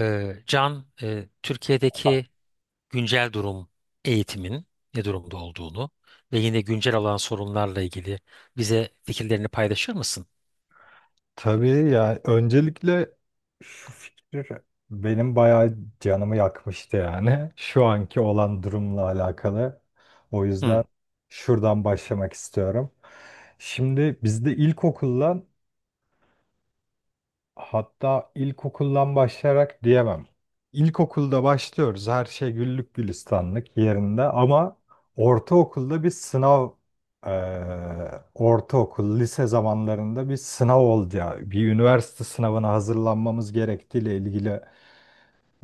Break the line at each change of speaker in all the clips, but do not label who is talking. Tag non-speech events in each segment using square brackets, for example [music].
Can, Türkiye'deki güncel durum, eğitimin ne durumda olduğunu ve yine güncel olan sorunlarla ilgili bize fikirlerini paylaşır mısın?
Tabii ya öncelikle şu fikir benim bayağı canımı yakmıştı yani [laughs] şu anki olan durumla alakalı. O
Hı,
yüzden şuradan başlamak istiyorum. Şimdi bizde hatta ilkokuldan başlayarak diyemem. İlkokulda başlıyoruz, her şey güllük gülistanlık yerinde, ama ortaokulda bir sınav, ortaokul lise zamanlarında bir sınav oldu ya, bir üniversite sınavına hazırlanmamız gerektiğiyle ilgili.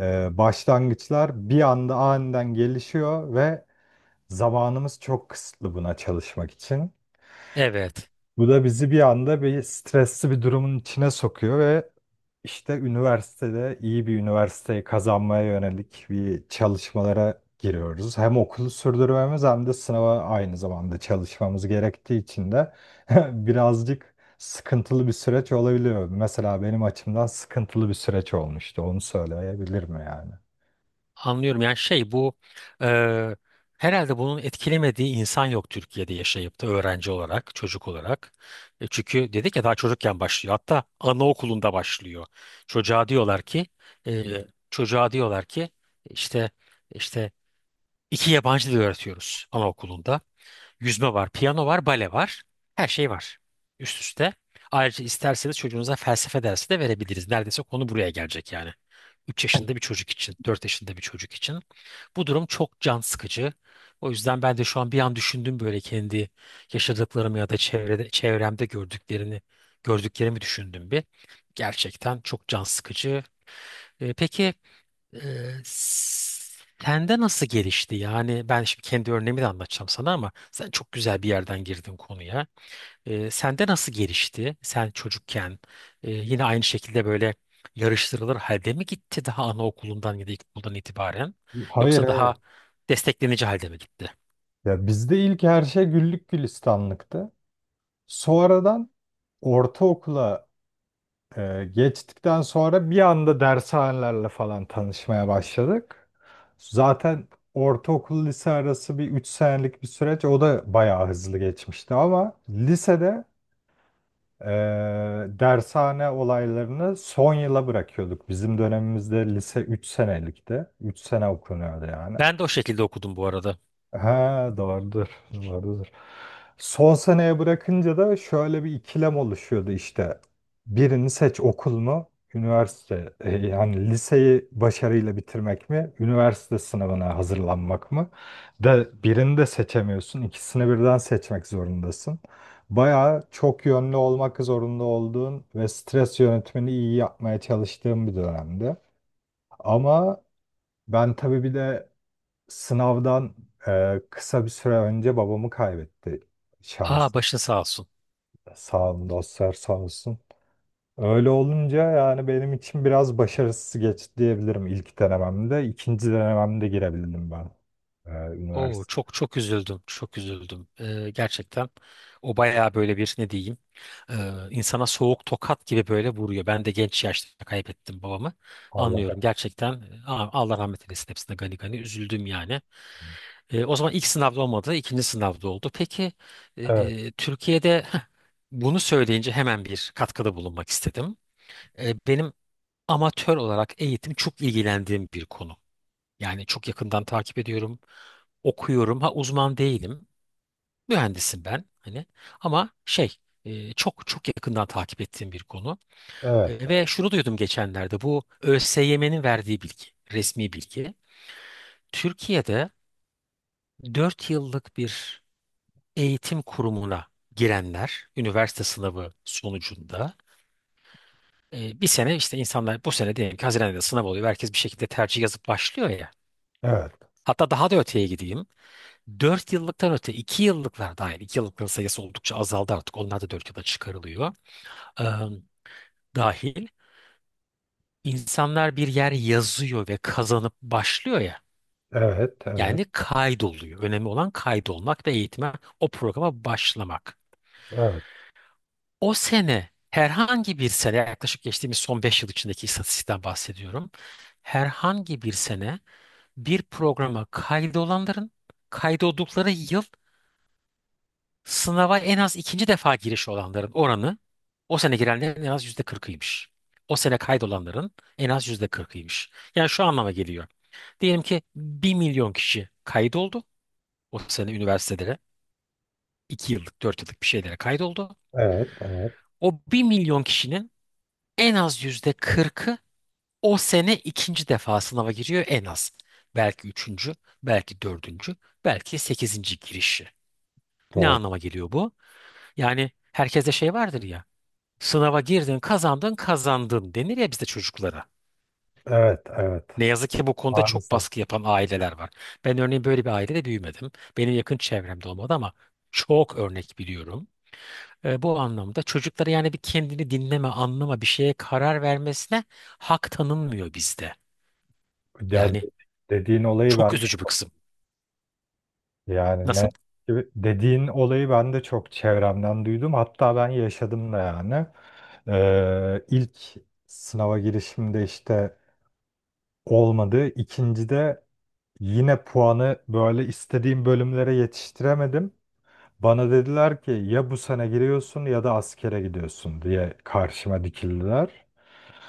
Başlangıçlar bir anda aniden gelişiyor ve zamanımız çok kısıtlı buna çalışmak için.
evet,
Bu da bizi bir anda bir stresli bir durumun içine sokuyor ve işte üniversitede iyi bir üniversiteyi kazanmaya yönelik bir çalışmalara giriyoruz. Hem okulu sürdürmemiz hem de sınava aynı zamanda çalışmamız gerektiği için de [laughs] birazcık sıkıntılı bir süreç olabiliyor. Mesela benim açımdan sıkıntılı bir süreç olmuştu. Onu söyleyebilirim yani.
anlıyorum. Yani şey, bu e, herhalde bunun etkilemediği insan yok Türkiye'de, yaşayıp da öğrenci olarak, çocuk olarak. Çünkü dedik ya, daha çocukken başlıyor. Hatta anaokulunda başlıyor. Çocuğa diyorlar ki, e, çocuğa diyorlar ki işte. işte 2 yabancı dil öğretiyoruz anaokulunda. Yüzme var, piyano var, bale var. Her şey var, üst üste. Ayrıca isterseniz çocuğunuza felsefe dersi de verebiliriz. Neredeyse konu buraya gelecek yani. 3 yaşında bir çocuk için, 4 yaşında bir çocuk için. Bu durum çok can sıkıcı. O yüzden ben de şu an bir an düşündüm, böyle kendi yaşadıklarımı ya da çevrede, çevremde gördüklerini, gördüklerimi düşündüm bir. Gerçekten çok can sıkıcı. Peki, ee, sende nasıl gelişti? Yani ben şimdi kendi örneğimi de anlatacağım sana, ama sen çok güzel bir yerden girdin konuya. Sende nasıl gelişti? Sen çocukken yine aynı şekilde böyle yarıştırılır halde mi gitti daha anaokulundan ya da ilkokuldan itibaren?
Hayır,
Yoksa
hayır.
daha desteklenici halde mi gitti?
Ya bizde ilk her şey güllük gülistanlıktı. Sonradan ortaokula geçtikten sonra bir anda dershanelerle falan tanışmaya başladık. Zaten ortaokul lise arası bir 3 senelik bir süreç. O da bayağı hızlı geçmişti ama lisede e, dershane olaylarını son yıla bırakıyorduk. Bizim dönemimizde lise 3 senelikti. 3 sene okunuyordu yani.
Ben de o şekilde okudum bu arada.
Ha, doğrudur, doğrudur. Son seneye bırakınca da şöyle bir ikilem oluşuyordu işte. Birini seç, okul mu, yani liseyi başarıyla bitirmek mi, üniversite sınavına hazırlanmak mı? De birini de seçemiyorsun, ikisini birden seçmek zorundasın. Bayağı çok yönlü olmak zorunda olduğun ve stres yönetimini iyi yapmaya çalıştığım bir dönemdi. Ama ben tabii bir de sınavdan kısa bir süre önce babamı kaybetti. Şans,
Aa, başın sağ olsun.
sağ olun dostlar, sağ olsun. Öyle olunca yani benim için biraz başarısız geçti diyebilirim ilk denememde. İkinci denememde girebildim ben. E,
Oo,
üniversite.
çok çok üzüldüm. Çok üzüldüm. Gerçekten o bayağı böyle bir, ne diyeyim, e, insana soğuk tokat gibi böyle vuruyor. Ben de genç yaşta kaybettim babamı.
Allah.
Anlıyorum gerçekten. Aa, Allah rahmet eylesin hepsine, gani gani üzüldüm yani. O zaman ilk sınavda olmadı, ikinci sınavda oldu. Peki,
Evet,
Türkiye'de heh, bunu söyleyince hemen bir katkıda bulunmak istedim. Benim amatör olarak eğitim çok ilgilendiğim bir konu. Yani çok yakından takip ediyorum, okuyorum. Ha, uzman değilim. Mühendisim ben, hani ama şey, çok çok yakından takip ettiğim bir konu.
evet,
E,
evet,
ve şunu duydum geçenlerde, bu ÖSYM'nin verdiği bilgi, resmi bilgi: Türkiye'de 4 yıllık bir eğitim kurumuna girenler üniversite sınavı sonucunda, bir sene, işte insanlar, bu sene diyelim ki Haziran'da sınav oluyor, herkes bir şekilde tercih yazıp başlıyor ya,
evet,
hatta daha da öteye gideyim, 4 yıllıktan öte 2 yıllıklar dahil, 2 yıllıkların sayısı oldukça azaldı, artık onlar da 4 yıla çıkarılıyor, dahil, insanlar bir yer yazıyor ve kazanıp başlıyor ya.
evet,
Yani kaydoluyor. Önemli olan kaydolmak ve eğitime, o programa başlamak.
evet,
O sene, herhangi bir sene, yaklaşık geçtiğimiz son 5 yıl içindeki istatistikten bahsediyorum. Herhangi bir sene bir programa kaydolanların, kaydoldukları yıl sınava en az ikinci defa giriş olanların oranı, o sene girenlerin en az %40'ıymış. O sene kaydolanların en az %40'ıymış. Yani şu anlama geliyor. Diyelim ki 1 milyon kişi kaydoldu. O sene üniversitelere, 2 yıllık 4 yıllık bir şeylere kaydoldu.
evet, evet,
O 1 milyon kişinin en az yüzde kırkı o sene ikinci defa sınava giriyor en az. Belki üçüncü, belki dördüncü, belki sekizinci girişi. Ne
doğru.
anlama geliyor bu? Yani herkeste şey vardır ya. Sınava girdin, kazandın, kazandın denir ya bizde çocuklara.
Evet, evet.
Ne yazık ki bu konuda çok
Maalesef.
baskı yapan aileler var. Ben örneğin böyle bir ailede büyümedim. Benim yakın çevremde olmadı, ama çok örnek biliyorum. Bu anlamda çocuklara yani bir kendini dinleme, anlama, bir şeye karar vermesine hak tanınmıyor bizde.
Ya
Yani
dediğin olayı
çok
ben.
üzücü bir kısım.
Yani ne
Nasıl?
dediğin olayı ben de çok çevremden duydum. Hatta ben yaşadım da yani. İlk sınava girişimde işte olmadı. İkincide yine puanı böyle istediğim bölümlere yetiştiremedim. Bana dediler ki ya bu sene giriyorsun ya da askere gidiyorsun diye karşıma dikildiler.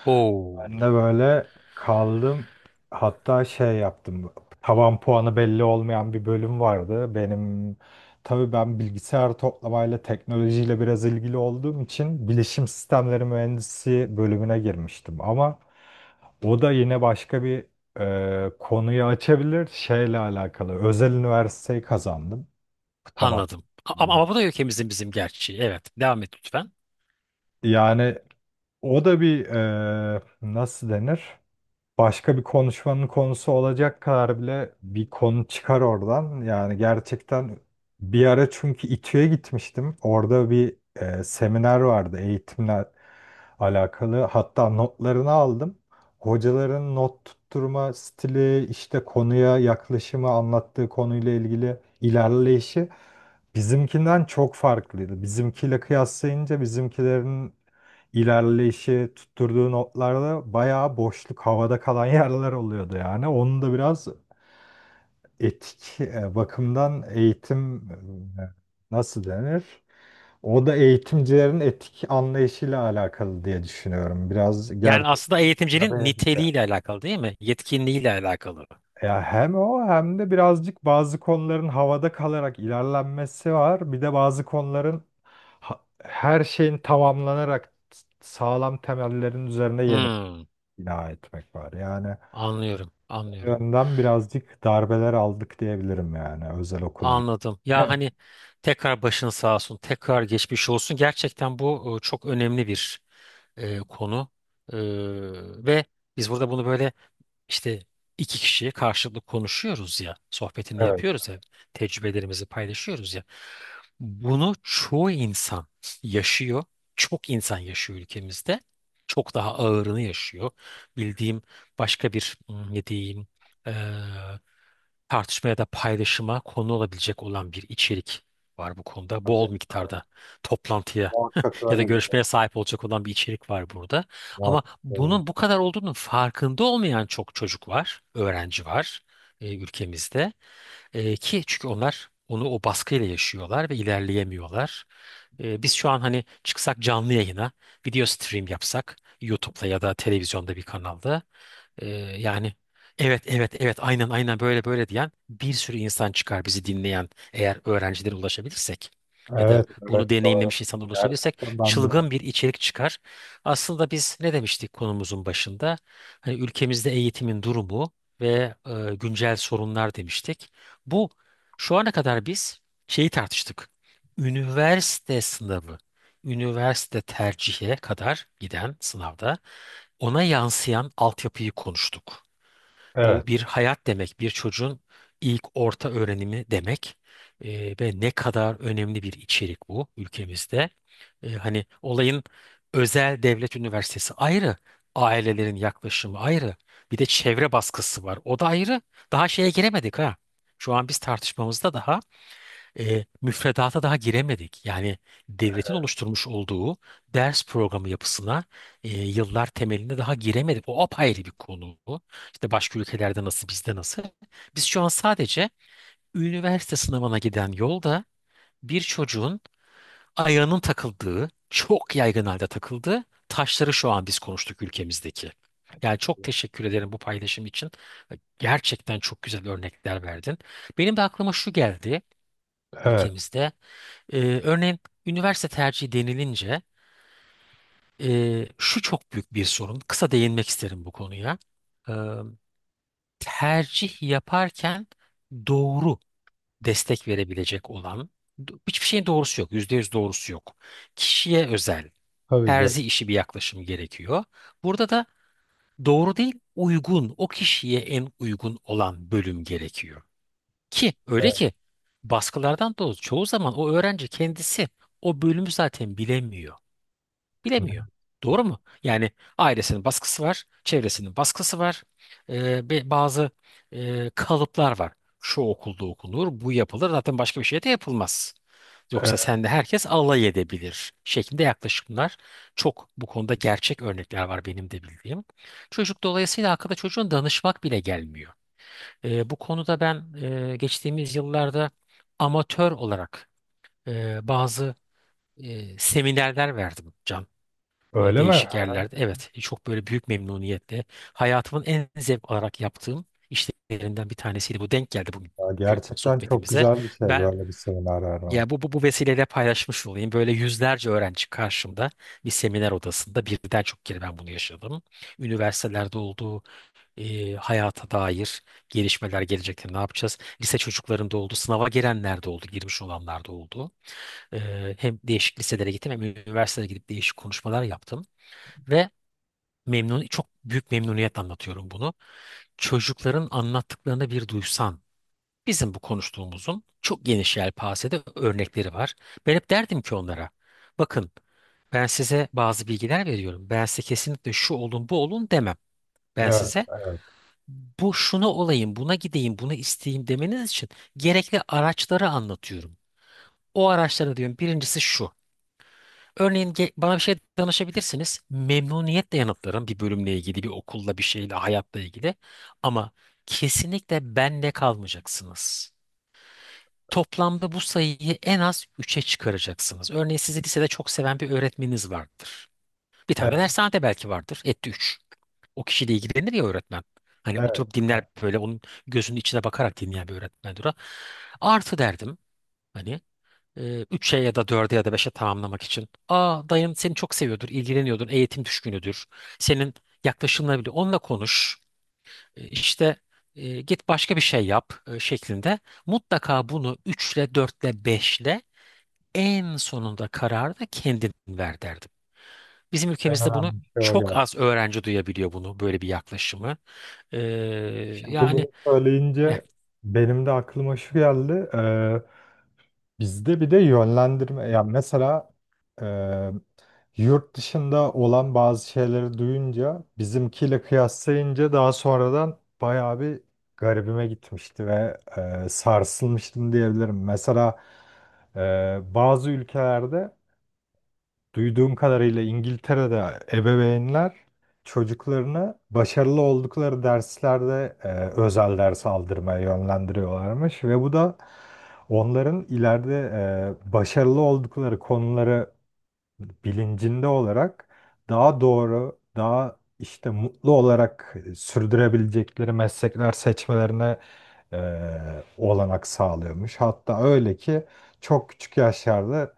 Oo,
Ben de böyle kaldım. Hatta şey yaptım. Tavan puanı belli olmayan bir bölüm vardı. Tabii ben bilgisayar toplamayla teknolojiyle biraz ilgili olduğum için bilişim sistemleri mühendisi bölümüne girmiştim. Ama o da yine başka bir konuyu açabilir. Şeyle alakalı. Özel üniversiteyi kazandım. Tamam.
anladım. Ama, ama bu da ülkemizin, bizim gerçeği. Evet, devam et lütfen.
Yani o da bir nasıl denir? Başka bir konuşmanın konusu olacak kadar bile bir konu çıkar oradan. Yani gerçekten bir ara çünkü İTÜ'ye gitmiştim. Orada bir seminer vardı eğitimle alakalı. Hatta notlarını aldım. Hocaların not tutturma stili, işte konuya yaklaşımı, anlattığı konuyla ilgili ilerleyişi bizimkinden çok farklıydı. Bizimkiyle kıyaslayınca bizimkilerin ilerleyişi tutturduğu notlarda bayağı boşluk, havada kalan [laughs] yerler oluyordu yani. Onun da biraz etik bakımdan eğitim nasıl denir? O da eğitimcilerin etik anlayışıyla alakalı diye düşünüyorum. Biraz
Yani aslında
gerçekten
eğitimcinin
de-
niteliğiyle alakalı değil mi? Yetkinliğiyle alakalı.
ya, hem o hem de birazcık bazı konuların havada kalarak ilerlenmesi var. Bir de bazı konuların her şeyin tamamlanarak sağlam temellerin üzerine yeni
Hmm,
bina etmek var. Yani
anlıyorum, anlıyorum.
yönden birazcık darbeler aldık diyebilirim yani özel okula gitti.
Anladım. Ya
[laughs]
hani, tekrar başın sağ olsun, tekrar geçmiş olsun. Gerçekten bu çok önemli bir konu. E, Ve biz burada bunu böyle, İşte iki kişiye karşılıklı konuşuyoruz ya, sohbetini
Evet.
yapıyoruz ya, tecrübelerimizi paylaşıyoruz ya. Bunu çoğu insan yaşıyor. Çok insan yaşıyor ülkemizde. Çok daha ağırını yaşıyor. Bildiğim başka bir, hmm, ne diyeyim, eee, tartışma ya da paylaşıma konu olabilecek olan bir içerik var bu konuda.
Tabii,
Bol
tabii.
miktarda toplantıya [laughs]
Muhakkak
ya da
öyledir
görüşmeye
ya.
sahip olacak olan bir içerik var burada. Ama
Muhakkak. Öyledir.
bunun bu kadar olduğunun farkında olmayan çok çocuk var, öğrenci var ülkemizde. Ki çünkü onlar onu o baskıyla yaşıyorlar ve ilerleyemiyorlar. Biz şu an hani çıksak canlı yayına, video stream yapsak YouTube'da ya da televizyonda bir kanalda, ee, yani evet evet evet aynen aynen böyle böyle diyen bir sürü insan çıkar bizi dinleyen, eğer öğrencilere ulaşabilirsek ya da
Evet, evet,
bunu
doğru.
deneyimlemiş insana ulaşabilirsek
Gerçekten ben de.
çılgın bir içerik çıkar. Aslında biz ne demiştik konumuzun başında? Hani ülkemizde eğitimin durumu ve güncel sorunlar demiştik. Bu, şu ana kadar biz şeyi tartıştık: üniversite sınavı, üniversite tercihe kadar giden sınavda ona yansıyan altyapıyı konuştuk. Bu
Evet,
bir hayat demek, bir çocuğun ilk orta öğrenimi demek. Ve ne kadar önemli bir içerik bu ülkemizde. Hani olayın özel devlet üniversitesi ayrı, ailelerin yaklaşımı ayrı, bir de çevre baskısı var, o da ayrı. Daha şeye giremedik ha. Şu an biz tartışmamızda daha müfredata daha giremedik. Yani devletin oluşturmuş olduğu ders programı yapısına yıllar temelinde daha giremedik. O apayrı bir konu. İşte başka ülkelerde nasıl, bizde nasıl? Biz şu an sadece üniversite sınavına giden yolda bir çocuğun ayağının takıldığı, çok yaygın halde takıldığı taşları şu an biz konuştuk ülkemizdeki. Yani çok teşekkür ederim bu paylaşım için. Gerçekten çok güzel örnekler verdin. Benim de aklıma şu geldi,
evet.
ülkemizde, örneğin üniversite tercihi denilince, şu çok büyük bir sorun. Kısa değinmek isterim bu konuya. Ee, Tercih yaparken doğru destek verebilecek olan, hiçbir şeyin doğrusu yok. %100 doğrusu yok. Kişiye özel,
Tabii ki.
terzi işi bir yaklaşım gerekiyor. Burada da doğru değil, uygun, o kişiye en uygun olan bölüm gerekiyor. Ki öyle
Evet.
ki baskılardan dolayı çoğu zaman o öğrenci kendisi o bölümü zaten bilemiyor. Doğru mu? Yani ailesinin baskısı var, çevresinin baskısı var, bazı kalıplar var. Şu okulda okunur, bu yapılır. Zaten başka bir şey de yapılmaz. Yoksa
Evet.
sen de, herkes alay edebilir şeklinde yaklaşımlar. Çok bu konuda gerçek örnekler var benim de bildiğim. Çocuk dolayısıyla akılda çocuğun danışmak bile gelmiyor. Bu konuda ben geçtiğimiz yıllarda amatör olarak bazı seminerler verdim
Öyle mi?
değişik yerlerde. Evet, çok böyle büyük memnuniyetle, hayatımın en zevk alarak yaptığım işlerinden bir tanesiydi. Bu denk geldi
Ya
bugünkü
gerçekten çok
sohbetimize.
güzel bir şey
Ben,
böyle bir seminer verme.
ya, bu vesileyle paylaşmış olayım. Böyle yüzlerce öğrenci karşımda bir seminer odasında, birden çok kere ben bunu yaşadım. Üniversitelerde olduğu, hayata dair gelişmeler, gelecekte ne yapacağız? Lise çocuklarında oldu, sınava girenler de oldu, girmiş olanlar da oldu. E, Hem değişik liselere gittim, hem üniversitelere gidip değişik konuşmalar yaptım. Ve memnun, çok büyük memnuniyet, anlatıyorum bunu. Çocukların anlattıklarını bir duysan, bizim bu konuştuğumuzun çok geniş yelpazede örnekleri var. Ben hep derdim ki onlara, bakın, ben size bazı bilgiler veriyorum. Ben size kesinlikle şu olun, bu olun demem. Ben
Evet,
size
evet,
bu, şunu olayım, buna gideyim, bunu isteyeyim demeniz için gerekli araçları anlatıyorum. O araçları, diyorum, birincisi şu. Örneğin, bana bir şey danışabilirsiniz. Memnuniyetle yanıtlarım bir bölümle ilgili, bir okulla, bir şeyle, hayatla ilgili. Ama kesinlikle bende kalmayacaksınız. Toplamda bu sayıyı en az 3'e çıkaracaksınız. Örneğin sizi lisede çok seven bir öğretmeniniz vardır. Bir tane de
evet,
dershanede belki vardır. Etti 3. O kişiyle ilgilenir ya öğretmen. Hani
evet,
oturup dinler,
evet.
böyle onun gözünün içine bakarak dinleyen bir öğretmendir o. Artı, derdim, hani 3'e ya da 4'e ya da 5'e tamamlamak için. Aa, dayın seni çok seviyordur, ilgileniyordur, eğitim düşkünüdür. Senin yaklaşımına bile onunla konuş. İşte, git başka bir şey yap, şeklinde. Mutlaka bunu 3'le 4'le 5'le en sonunda kararı da kendin ver derdim. Bizim
En
ülkemizde bunu
önemli şey o
çok
geldi.
az öğrenci duyabiliyor bunu, böyle bir yaklaşımı. E,
Şimdi bunu
yani ya,
söyleyince benim de aklıma şu geldi. Bizde bir de yönlendirme yani mesela e, yurt dışında olan bazı şeyleri duyunca bizimkiyle kıyaslayınca daha sonradan bayağı bir garibime gitmişti ve sarsılmıştım diyebilirim. Mesela bazı ülkelerde duyduğum kadarıyla İngiltere'de ebeveynler çocuklarını başarılı oldukları derslerde özel ders aldırmaya yönlendiriyorlarmış ve bu da onların ileride başarılı oldukları konuları bilincinde olarak daha doğru, daha işte mutlu olarak sürdürebilecekleri meslekler seçmelerine olanak sağlıyormuş. Hatta öyle ki çok küçük yaşlarda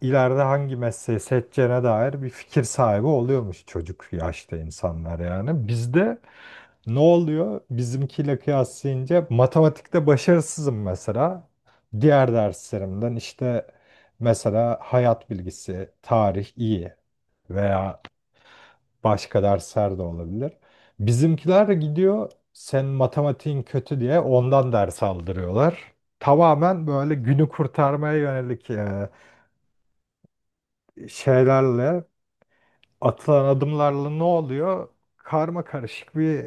ileride hangi mesleği seçeceğine dair bir fikir sahibi oluyormuş çocuk yaşta insanlar yani. Bizde ne oluyor? Bizimkiyle kıyaslayınca matematikte başarısızım mesela. Diğer derslerimden işte mesela hayat bilgisi, tarih iyi veya başka dersler de olabilir. Bizimkiler de gidiyor sen matematiğin kötü diye ondan ders aldırıyorlar. Tamamen böyle günü kurtarmaya yönelik şeylerle atılan adımlarla ne oluyor? Karma karışık bir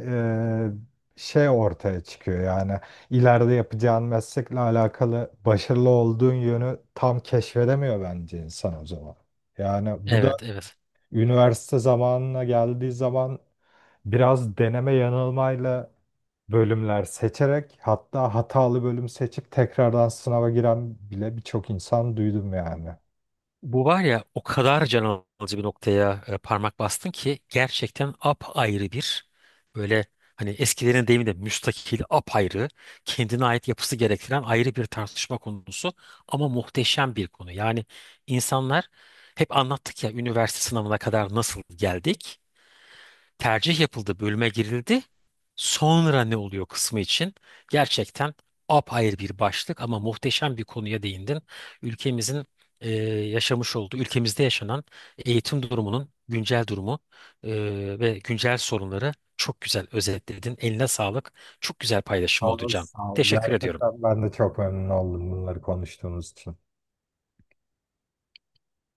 e, şey ortaya çıkıyor yani. İleride yapacağın meslekle alakalı başarılı olduğun yönü tam keşfedemiyor bence insan o zaman. Yani bu
Evet evet.
üniversite zamanına geldiği zaman biraz deneme yanılmayla bölümler seçerek hatta hatalı bölüm seçip tekrardan sınava giren bile birçok insan duydum yani.
Bu var ya, o kadar can alıcı bir noktaya parmak bastın ki gerçekten apayrı bir, böyle hani eskilerin deyimiyle müstakil, apayrı kendine ait yapısı gerektiren ayrı bir tartışma konusu, ama muhteşem bir konu. Yani insanlar, hep anlattık ya, üniversite sınavına kadar nasıl geldik, tercih yapıldı, bölüme girildi. Sonra ne oluyor kısmı için gerçekten apayrı bir başlık, ama muhteşem bir konuya değindin. Ülkemizin e, yaşamış olduğu, ülkemizde yaşanan eğitim durumunun güncel durumu e, ve güncel sorunları çok güzel özetledin. Eline sağlık. Çok güzel
Sağ
paylaşım oldu
ol,
Can.
sağ ol.
Teşekkür ediyorum.
Gerçekten ben de çok memnun oldum bunları konuştuğumuz için.